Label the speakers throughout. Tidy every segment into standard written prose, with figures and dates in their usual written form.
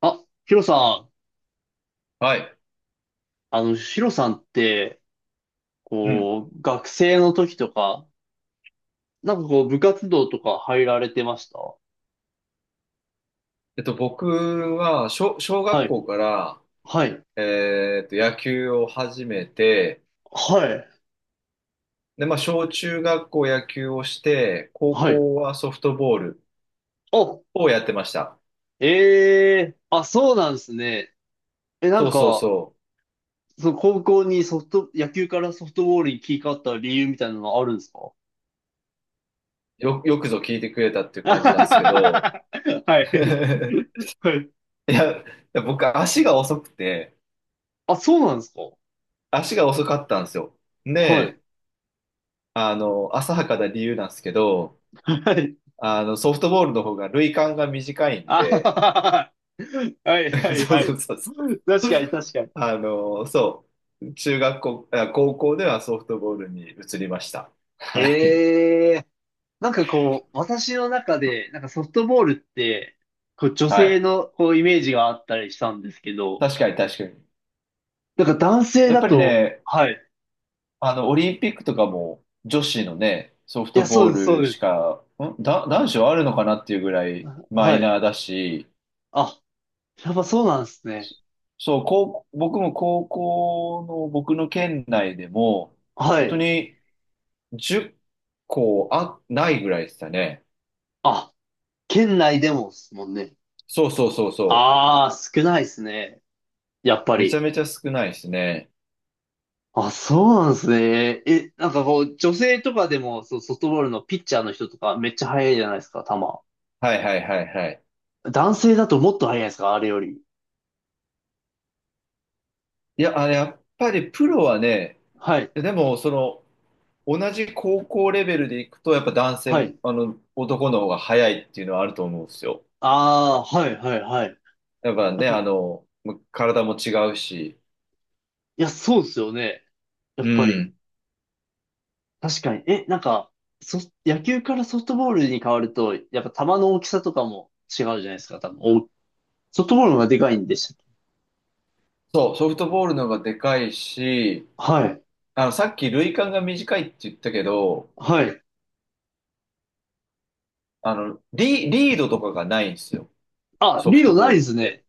Speaker 1: あ、ヒロさん、
Speaker 2: はい。
Speaker 1: あの、ヒロさんって、
Speaker 2: うん。
Speaker 1: こう、学生の時とか、なんかこう、部活動とか入られてました？
Speaker 2: 僕は、小
Speaker 1: は
Speaker 2: 学
Speaker 1: い、
Speaker 2: 校から、
Speaker 1: はい、
Speaker 2: 野球を始めて、
Speaker 1: はい、
Speaker 2: で、まあ、小中学校野球をして、高
Speaker 1: はい。
Speaker 2: 校はソフトボール
Speaker 1: お、
Speaker 2: をやってました。
Speaker 1: ええ。あ、そうなんですね。え、な
Speaker 2: そ
Speaker 1: ん
Speaker 2: うそう
Speaker 1: か、
Speaker 2: そ
Speaker 1: その高校にソフト、野球からソフトボールに切り替わった理由みたいなのはあるんですか？
Speaker 2: う。よくぞ聞いてくれたってい う感じなんですけど、
Speaker 1: は い。はい。
Speaker 2: いや僕、足が遅くて、
Speaker 1: あ、そうなんですか？
Speaker 2: 足が遅かったんですよ。
Speaker 1: はい。
Speaker 2: で、あの、浅はかな理由なんですけど、
Speaker 1: はい。
Speaker 2: あの、ソフトボールの方が塁間が短いん
Speaker 1: あはは
Speaker 2: で、
Speaker 1: は。はいは い
Speaker 2: そ
Speaker 1: は
Speaker 2: うそ
Speaker 1: い。
Speaker 2: うそうそう。
Speaker 1: 確かに確かに。
Speaker 2: あの、そう。中学校、あ高校ではソフトボールに移りました。はい。
Speaker 1: ええ。なんかこう、私の中で、なんかソフトボールって、こう女
Speaker 2: は
Speaker 1: 性
Speaker 2: い。
Speaker 1: のこうイメージがあったりしたんですけど、
Speaker 2: 確かに確かに。
Speaker 1: なんか男性
Speaker 2: やっ
Speaker 1: だ
Speaker 2: ぱり
Speaker 1: と、
Speaker 2: ね、
Speaker 1: はい。
Speaker 2: あの、オリンピックとかも女子のね、ソフ
Speaker 1: い
Speaker 2: ト
Speaker 1: や、そ
Speaker 2: ボ
Speaker 1: う
Speaker 2: ー
Speaker 1: です、そう
Speaker 2: ル
Speaker 1: で
Speaker 2: し
Speaker 1: す。
Speaker 2: か、んだ、男子はあるのかなっていうぐらいマ
Speaker 1: は
Speaker 2: イ
Speaker 1: い。
Speaker 2: ナーだし、
Speaker 1: あ、やっぱそうなんですね。
Speaker 2: そう、僕も高校の僕の県内でも、
Speaker 1: は
Speaker 2: 本当
Speaker 1: い。
Speaker 2: に10校ないぐらいでしたね。
Speaker 1: あ、県内でもですもんね。
Speaker 2: そうそうそうそう。
Speaker 1: ああ、少ないですね。やっぱ
Speaker 2: めちゃ
Speaker 1: り。
Speaker 2: めちゃ少ないですね。
Speaker 1: あ、そうなんですね。え、なんかこう、女性とかでも、そう、ソフトボールのピッチャーの人とかめっちゃ速いじゃないですか、球。
Speaker 2: はいはいはいはい。
Speaker 1: 男性だともっと速いですか、あれより？
Speaker 2: いや、あれ、やっぱりプロはね、
Speaker 1: はい、
Speaker 2: でも、その、同じ高校レベルでいくと、やっぱ男
Speaker 1: は
Speaker 2: 性、
Speaker 1: い。
Speaker 2: あの、男の方が早いっていうのはあると思うんですよ。
Speaker 1: ああ、はい、はい、はい。
Speaker 2: やっぱ
Speaker 1: やっ
Speaker 2: ね、
Speaker 1: ぱ、い
Speaker 2: あの、ま体も違うし、
Speaker 1: や、そうですよね。やっ
Speaker 2: う
Speaker 1: ぱり。
Speaker 2: ん。
Speaker 1: 確かに。え、なんか、そ、野球からソフトボールに変わると、やっぱ球の大きさとかも違うじゃないですか、多分。お、ソフトボールの方がでかいんでしたっけ？
Speaker 2: そう、ソフトボールの方がでかいし、
Speaker 1: はい、
Speaker 2: あの、さっき塁間が短いって言ったけど、
Speaker 1: はい。
Speaker 2: あの、リードとかがないんですよ。
Speaker 1: あ、
Speaker 2: ソ
Speaker 1: リ
Speaker 2: フ
Speaker 1: ー
Speaker 2: ト
Speaker 1: ドな
Speaker 2: ボ
Speaker 1: いで
Speaker 2: ールっ
Speaker 1: す
Speaker 2: て。
Speaker 1: ね。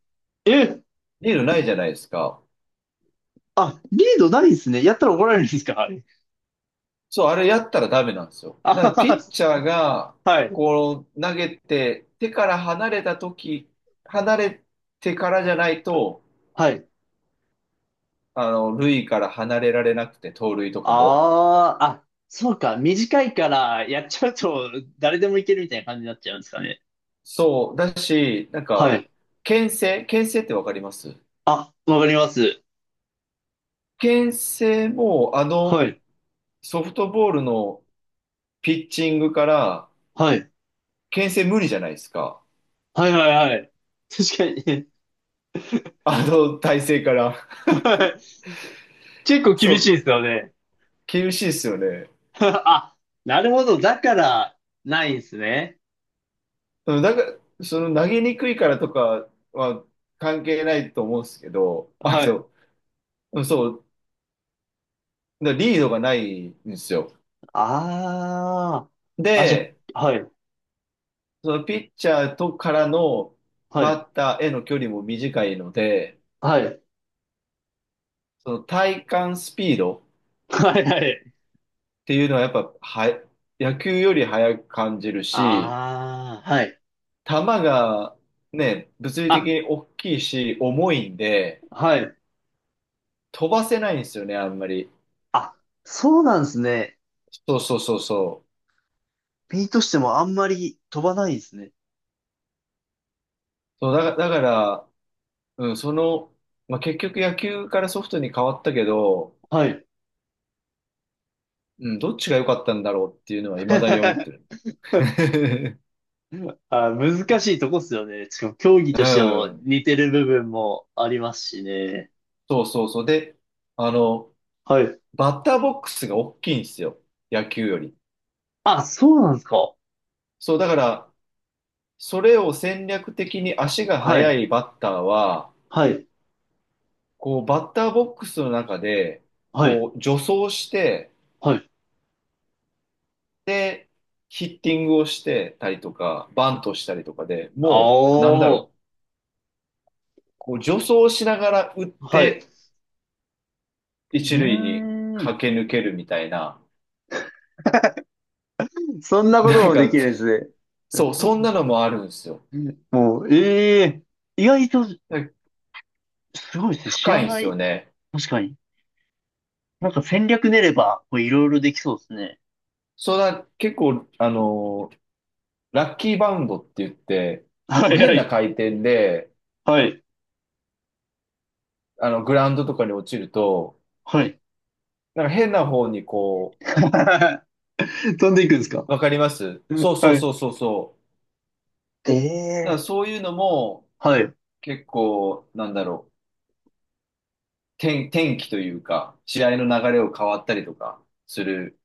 Speaker 1: え、
Speaker 2: リードないじゃないですか。
Speaker 1: あ、リードないですね。やったら怒られるんですか、あれ？
Speaker 2: そう、あれやったらダメなんですよ。
Speaker 1: あ
Speaker 2: だか
Speaker 1: は
Speaker 2: らピッ
Speaker 1: は。
Speaker 2: チャーが、
Speaker 1: はい。
Speaker 2: こう、投げて、手から離れた時、離れてからじゃないと、
Speaker 1: はい。
Speaker 2: あの、塁から離れられなくて、盗塁とかも。
Speaker 1: ああ、あ、そうか。短いからやっちゃうと誰でもいけるみたいな感じになっちゃうんですかね。
Speaker 2: そう、だし、なん
Speaker 1: は
Speaker 2: か、
Speaker 1: い。
Speaker 2: 牽制ってわかります？
Speaker 1: あ、わかります。
Speaker 2: 牽制も、あ
Speaker 1: は
Speaker 2: の、
Speaker 1: い。
Speaker 2: ソフトボールのピッチングから、
Speaker 1: はい。
Speaker 2: 牽制無理じゃないですか。
Speaker 1: はいはいはい。確かに。
Speaker 2: あの体勢から。
Speaker 1: はい。結構
Speaker 2: そ
Speaker 1: 厳しい
Speaker 2: う、
Speaker 1: ですよね。
Speaker 2: 厳しいですよね。
Speaker 1: あ、なるほど。だから、ないんですね。
Speaker 2: うん、なんか、その投げにくいからとかは関係ないと思うんですけど、あ
Speaker 1: はい。
Speaker 2: の、そう、だからリードがないんですよ。
Speaker 1: ああ。あ、じ
Speaker 2: で、
Speaker 1: ゃ、はい。
Speaker 2: そのピッチャーとからの
Speaker 1: は
Speaker 2: バ
Speaker 1: い。
Speaker 2: ッターへの距離も短いので、
Speaker 1: はい。
Speaker 2: その体感スピードっ
Speaker 1: はいはい。
Speaker 2: ていうのはやっぱは、野球より速く感じるし、
Speaker 1: ああ、はい。
Speaker 2: 球がね、物理的
Speaker 1: あ、
Speaker 2: に大きいし、重いんで、
Speaker 1: はい。
Speaker 2: 飛ばせないんですよね、あんまり。
Speaker 1: あ、そうなんですね。
Speaker 2: そうそうそうそう。
Speaker 1: 身としてもあんまり飛ばないですね。
Speaker 2: そうだ、だから、うん、その、まあ、結局野球からソフトに変わったけど、
Speaker 1: はい。
Speaker 2: うん、どっちが良かったんだろうっていうのは未だに思って る。
Speaker 1: あ、難しいとこっすよね。しかも競技
Speaker 2: う
Speaker 1: としても
Speaker 2: ん。
Speaker 1: 似てる部分もありますしね。
Speaker 2: そうそうそう。で、あの、
Speaker 1: はい。
Speaker 2: バッターボックスが大きいんですよ。野球より。
Speaker 1: あ、そうなんですか。
Speaker 2: そう、だから、それを戦略的に足が
Speaker 1: は
Speaker 2: 速
Speaker 1: い。
Speaker 2: いバッターは、
Speaker 1: はい。
Speaker 2: こう、バッターボックスの中で、
Speaker 1: はい。
Speaker 2: こう、助走して、
Speaker 1: はい。
Speaker 2: で、ヒッティングをしてたりとか、バントしたりとかで
Speaker 1: あ
Speaker 2: もう、なんだ
Speaker 1: ー。
Speaker 2: ろう。こう助走しながら打っ
Speaker 1: はい。う
Speaker 2: て
Speaker 1: ー
Speaker 2: 一塁に
Speaker 1: ん。
Speaker 2: 駆け抜けるみたいな、
Speaker 1: そんなこと
Speaker 2: なん
Speaker 1: もで
Speaker 2: か、
Speaker 1: きるんです
Speaker 2: そう、そんなのもあるんですよ。
Speaker 1: ね。もう、ええ。意外と
Speaker 2: で
Speaker 1: すごいですね。知
Speaker 2: 深
Speaker 1: ら
Speaker 2: いんで
Speaker 1: な
Speaker 2: すよ
Speaker 1: い。
Speaker 2: ね。
Speaker 1: 確かに。なんか戦略練れば、こういろいろできそうですね。
Speaker 2: それは結構、あの、ラッキーバウンドって言って、
Speaker 1: は
Speaker 2: こう
Speaker 1: いは
Speaker 2: 変な
Speaker 1: い。
Speaker 2: 回転で、
Speaker 1: はい。
Speaker 2: あの、グラウンドとかに落ちると、
Speaker 1: はい。
Speaker 2: なんか変な方にこ
Speaker 1: 飛んでいくんですか？
Speaker 2: う、わかります？そうそ
Speaker 1: は
Speaker 2: う
Speaker 1: い。
Speaker 2: そうそうそう。だから
Speaker 1: ええ。
Speaker 2: そういうのも
Speaker 1: はい。あ
Speaker 2: 結構、なんだろう、天気というか、試合の流れを変わったりとかする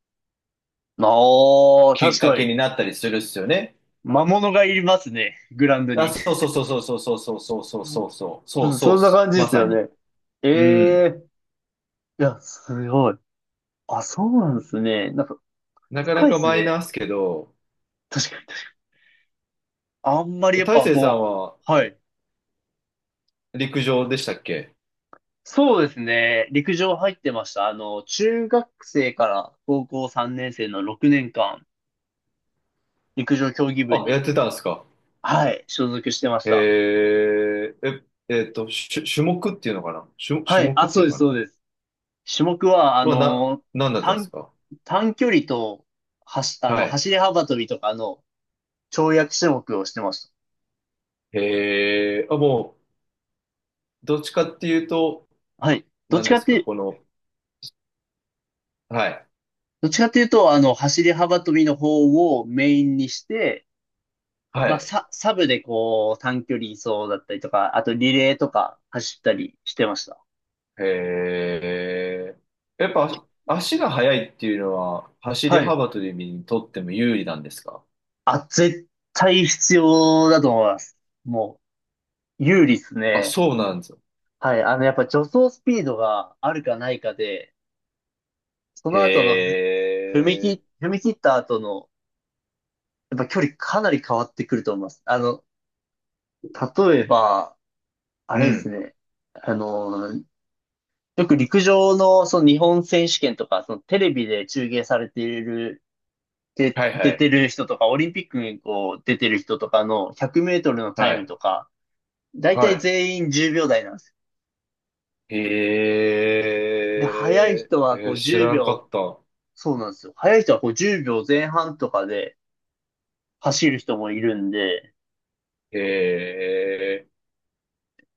Speaker 1: あ、
Speaker 2: きっ
Speaker 1: 確
Speaker 2: か
Speaker 1: か
Speaker 2: け
Speaker 1: に。
Speaker 2: になったりするっすよね。
Speaker 1: 魔物がいますね。グラウンド
Speaker 2: あ、
Speaker 1: に。
Speaker 2: そうそうそうそうそうそうそうそうそうそうそう
Speaker 1: うん。
Speaker 2: そう
Speaker 1: そ
Speaker 2: っ
Speaker 1: んな
Speaker 2: す。
Speaker 1: 感じで
Speaker 2: ま
Speaker 1: す
Speaker 2: さ
Speaker 1: よ
Speaker 2: に。
Speaker 1: ね。え
Speaker 2: うん。
Speaker 1: え。いや、すごい。あ、そうなんですね。なんか、
Speaker 2: なかな
Speaker 1: 深いで
Speaker 2: か
Speaker 1: す
Speaker 2: マイナー
Speaker 1: ね。
Speaker 2: っすけど、
Speaker 1: 確かに。あんまりやっ
Speaker 2: 大
Speaker 1: ぱ
Speaker 2: 成さん
Speaker 1: こ
Speaker 2: は
Speaker 1: う、はい。
Speaker 2: 陸上でしたっけ？
Speaker 1: そうですね。陸上入ってました。あの、中学生から高校3年生の6年間、陸上競技部
Speaker 2: あ、やっ
Speaker 1: に、
Speaker 2: てたんですか。
Speaker 1: はい、所属してまし
Speaker 2: へ
Speaker 1: た。
Speaker 2: え、え、種目っていうのかな、
Speaker 1: は
Speaker 2: 種
Speaker 1: い。
Speaker 2: 目
Speaker 1: あ、
Speaker 2: って
Speaker 1: そ
Speaker 2: い
Speaker 1: う
Speaker 2: う
Speaker 1: です、
Speaker 2: のか
Speaker 1: そ
Speaker 2: な、
Speaker 1: うです。種目は、あ
Speaker 2: は、な、
Speaker 1: の、
Speaker 2: 何だったんです
Speaker 1: 短、
Speaker 2: か？
Speaker 1: 短距離と、あ
Speaker 2: は
Speaker 1: の、
Speaker 2: い。
Speaker 1: 走り幅跳びとかの跳躍種目をしてました。
Speaker 2: へえ、あ、もう、どっちかっていうと、
Speaker 1: はい。
Speaker 2: 何ですかこの、はい。
Speaker 1: どっちかっていうと、あの、走り幅跳びの方をメインにして、
Speaker 2: は
Speaker 1: まあ、
Speaker 2: い。
Speaker 1: サブでこう、短距離走だったりとか、あとリレーとか走ったりしてました。
Speaker 2: へえ。やっぱ足が速いっていうのは走り
Speaker 1: はい。
Speaker 2: 幅跳びにとっても有利なんですか？
Speaker 1: あ、絶対必要だと思います。もう、有利です
Speaker 2: あ、
Speaker 1: ね。
Speaker 2: そうなんですよ。
Speaker 1: はい。あの、やっぱ助走スピードがあるかないかで、その後の
Speaker 2: へえ。
Speaker 1: 踏み切った後の、やっぱ距離かなり変わってくると思います。あの、例えば、あ
Speaker 2: う
Speaker 1: れです
Speaker 2: ん。
Speaker 1: ね。あの、よく陸上のその日本選手権とか、そのテレビで中継されている、で、
Speaker 2: はいは
Speaker 1: 出
Speaker 2: い。
Speaker 1: てる人とか、オリンピックにこう出てる人とかの100メートルのタ
Speaker 2: は
Speaker 1: イム
Speaker 2: い。
Speaker 1: とか、だいたい
Speaker 2: は
Speaker 1: 全員10秒台なんですよ。
Speaker 2: い。へ
Speaker 1: で、速い
Speaker 2: え。
Speaker 1: 人
Speaker 2: え
Speaker 1: はこ
Speaker 2: ー
Speaker 1: う
Speaker 2: 知
Speaker 1: 10
Speaker 2: らんかっ
Speaker 1: 秒、
Speaker 2: た。
Speaker 1: そうなんですよ。速い人はこう10秒前半とかで走る人もいるんで、
Speaker 2: へえ。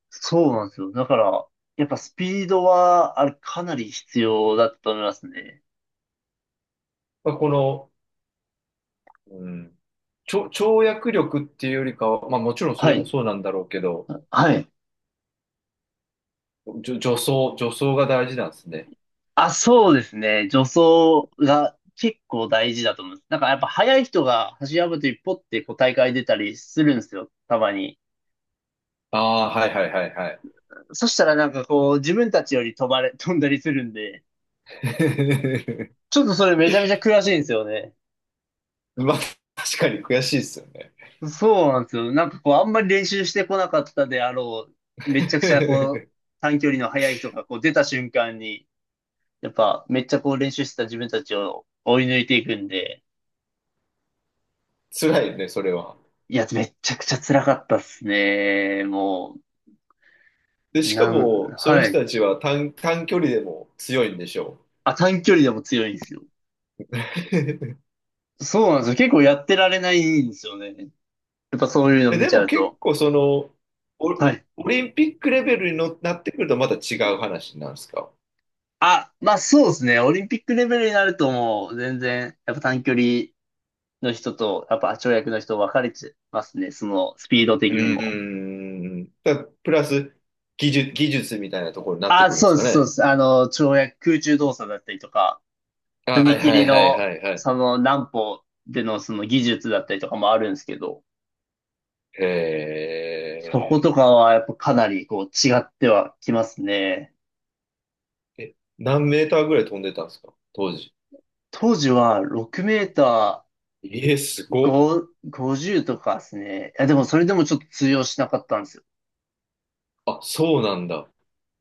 Speaker 1: そうなんですよ。だから、やっぱスピードは、あれ、かなり必要だったと思いますね。
Speaker 2: まあ、この、うん。跳躍力っていうよりかは、まあもちろんそ
Speaker 1: は
Speaker 2: れも
Speaker 1: い。
Speaker 2: そうなんだろうけど、
Speaker 1: はい。
Speaker 2: 助走、助走が大事なんですね。
Speaker 1: あ、そうですね。助走が結構大事だと思います。なんかやっぱ速い人が走り幅跳びポッてこう大会出たりするんですよ。たまに。
Speaker 2: ああ、はいはいはいはい。
Speaker 1: そしたらなんかこう自分たちより飛ばれ、飛んだりするんで、ちょっとそれめちゃめちゃ悔しいんですよね。
Speaker 2: まあ、確かに悔しいですよね。
Speaker 1: そうなんですよ。なんかこうあんまり練習してこなかったであろう、めちゃくちゃこう 短距離の速い人がこう出た瞬間に、やっぱめっちゃこう練習してた自分たちを追い抜いていくんで、
Speaker 2: 辛いね、それは。
Speaker 1: いや、めっちゃくちゃ辛かったっすね。も
Speaker 2: で、
Speaker 1: う、
Speaker 2: しかも、その
Speaker 1: は
Speaker 2: 人
Speaker 1: い。
Speaker 2: たちは短距離でも強いんでしょう。
Speaker 1: あ、短距離でも強いんですよ。そうなんですよ。結構やってられないんですよね。やっぱそういうの
Speaker 2: え、
Speaker 1: 見
Speaker 2: で
Speaker 1: ちゃ
Speaker 2: も
Speaker 1: う
Speaker 2: 結
Speaker 1: と。
Speaker 2: 構、その、
Speaker 1: は
Speaker 2: オ、
Speaker 1: い。
Speaker 2: オリンピックレベルにのなってくるとまた違う話なんですか？
Speaker 1: あ、まあそうですね。オリンピックレベルになるともう全然、やっぱ短距離の人と、やっぱ跳躍の人分かれてますね。そのスピード
Speaker 2: う
Speaker 1: 的にも。
Speaker 2: ーん。だ、プラス、技術みたいなところになって
Speaker 1: あ、
Speaker 2: くるんで
Speaker 1: そう
Speaker 2: す
Speaker 1: で
Speaker 2: か
Speaker 1: す、そうで
Speaker 2: ね。
Speaker 1: す。あの、跳躍、空中動作だったりとか、
Speaker 2: は
Speaker 1: 踏
Speaker 2: いは
Speaker 1: 切
Speaker 2: いはい
Speaker 1: の、
Speaker 2: はいはい。
Speaker 1: その何歩でのその技術だったりとかもあるんですけど、そこ
Speaker 2: へ
Speaker 1: とかはやっぱかなりこう違ってはきますね。
Speaker 2: ーえ。何メーターぐらい飛んでたんですか当時。
Speaker 1: 当時は6メータ
Speaker 2: ええ、す
Speaker 1: ー
Speaker 2: ごっ。
Speaker 1: 5、50とかですね。いやでもそれでもちょっと通用しなかったんですよ。
Speaker 2: あ、そうなんだ。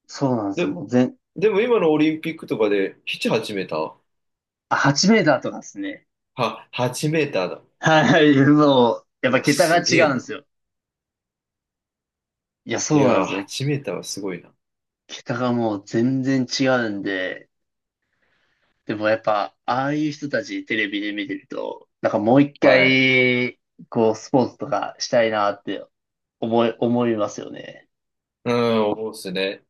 Speaker 1: そうなんです
Speaker 2: で、
Speaker 1: よ。もう
Speaker 2: でも今のオリンピックとかでチ8メーター
Speaker 1: あ8メーターとかですね。
Speaker 2: は、8メーターだ。
Speaker 1: はい、もう、やっ
Speaker 2: う
Speaker 1: ぱ
Speaker 2: わ、
Speaker 1: 桁が
Speaker 2: す
Speaker 1: 違
Speaker 2: げえ
Speaker 1: うんで
Speaker 2: な。
Speaker 1: すよ。いや、
Speaker 2: い
Speaker 1: そう
Speaker 2: や
Speaker 1: なんで
Speaker 2: ー、
Speaker 1: すよ。
Speaker 2: 8メーターはすごいな。
Speaker 1: 桁がもう全然違うんで、でもやっぱ、ああいう人たちテレビで見てると、なんかもう一
Speaker 2: はい。
Speaker 1: 回、こう、スポーツとかしたいなって思いますよね。
Speaker 2: うん、思うっすね。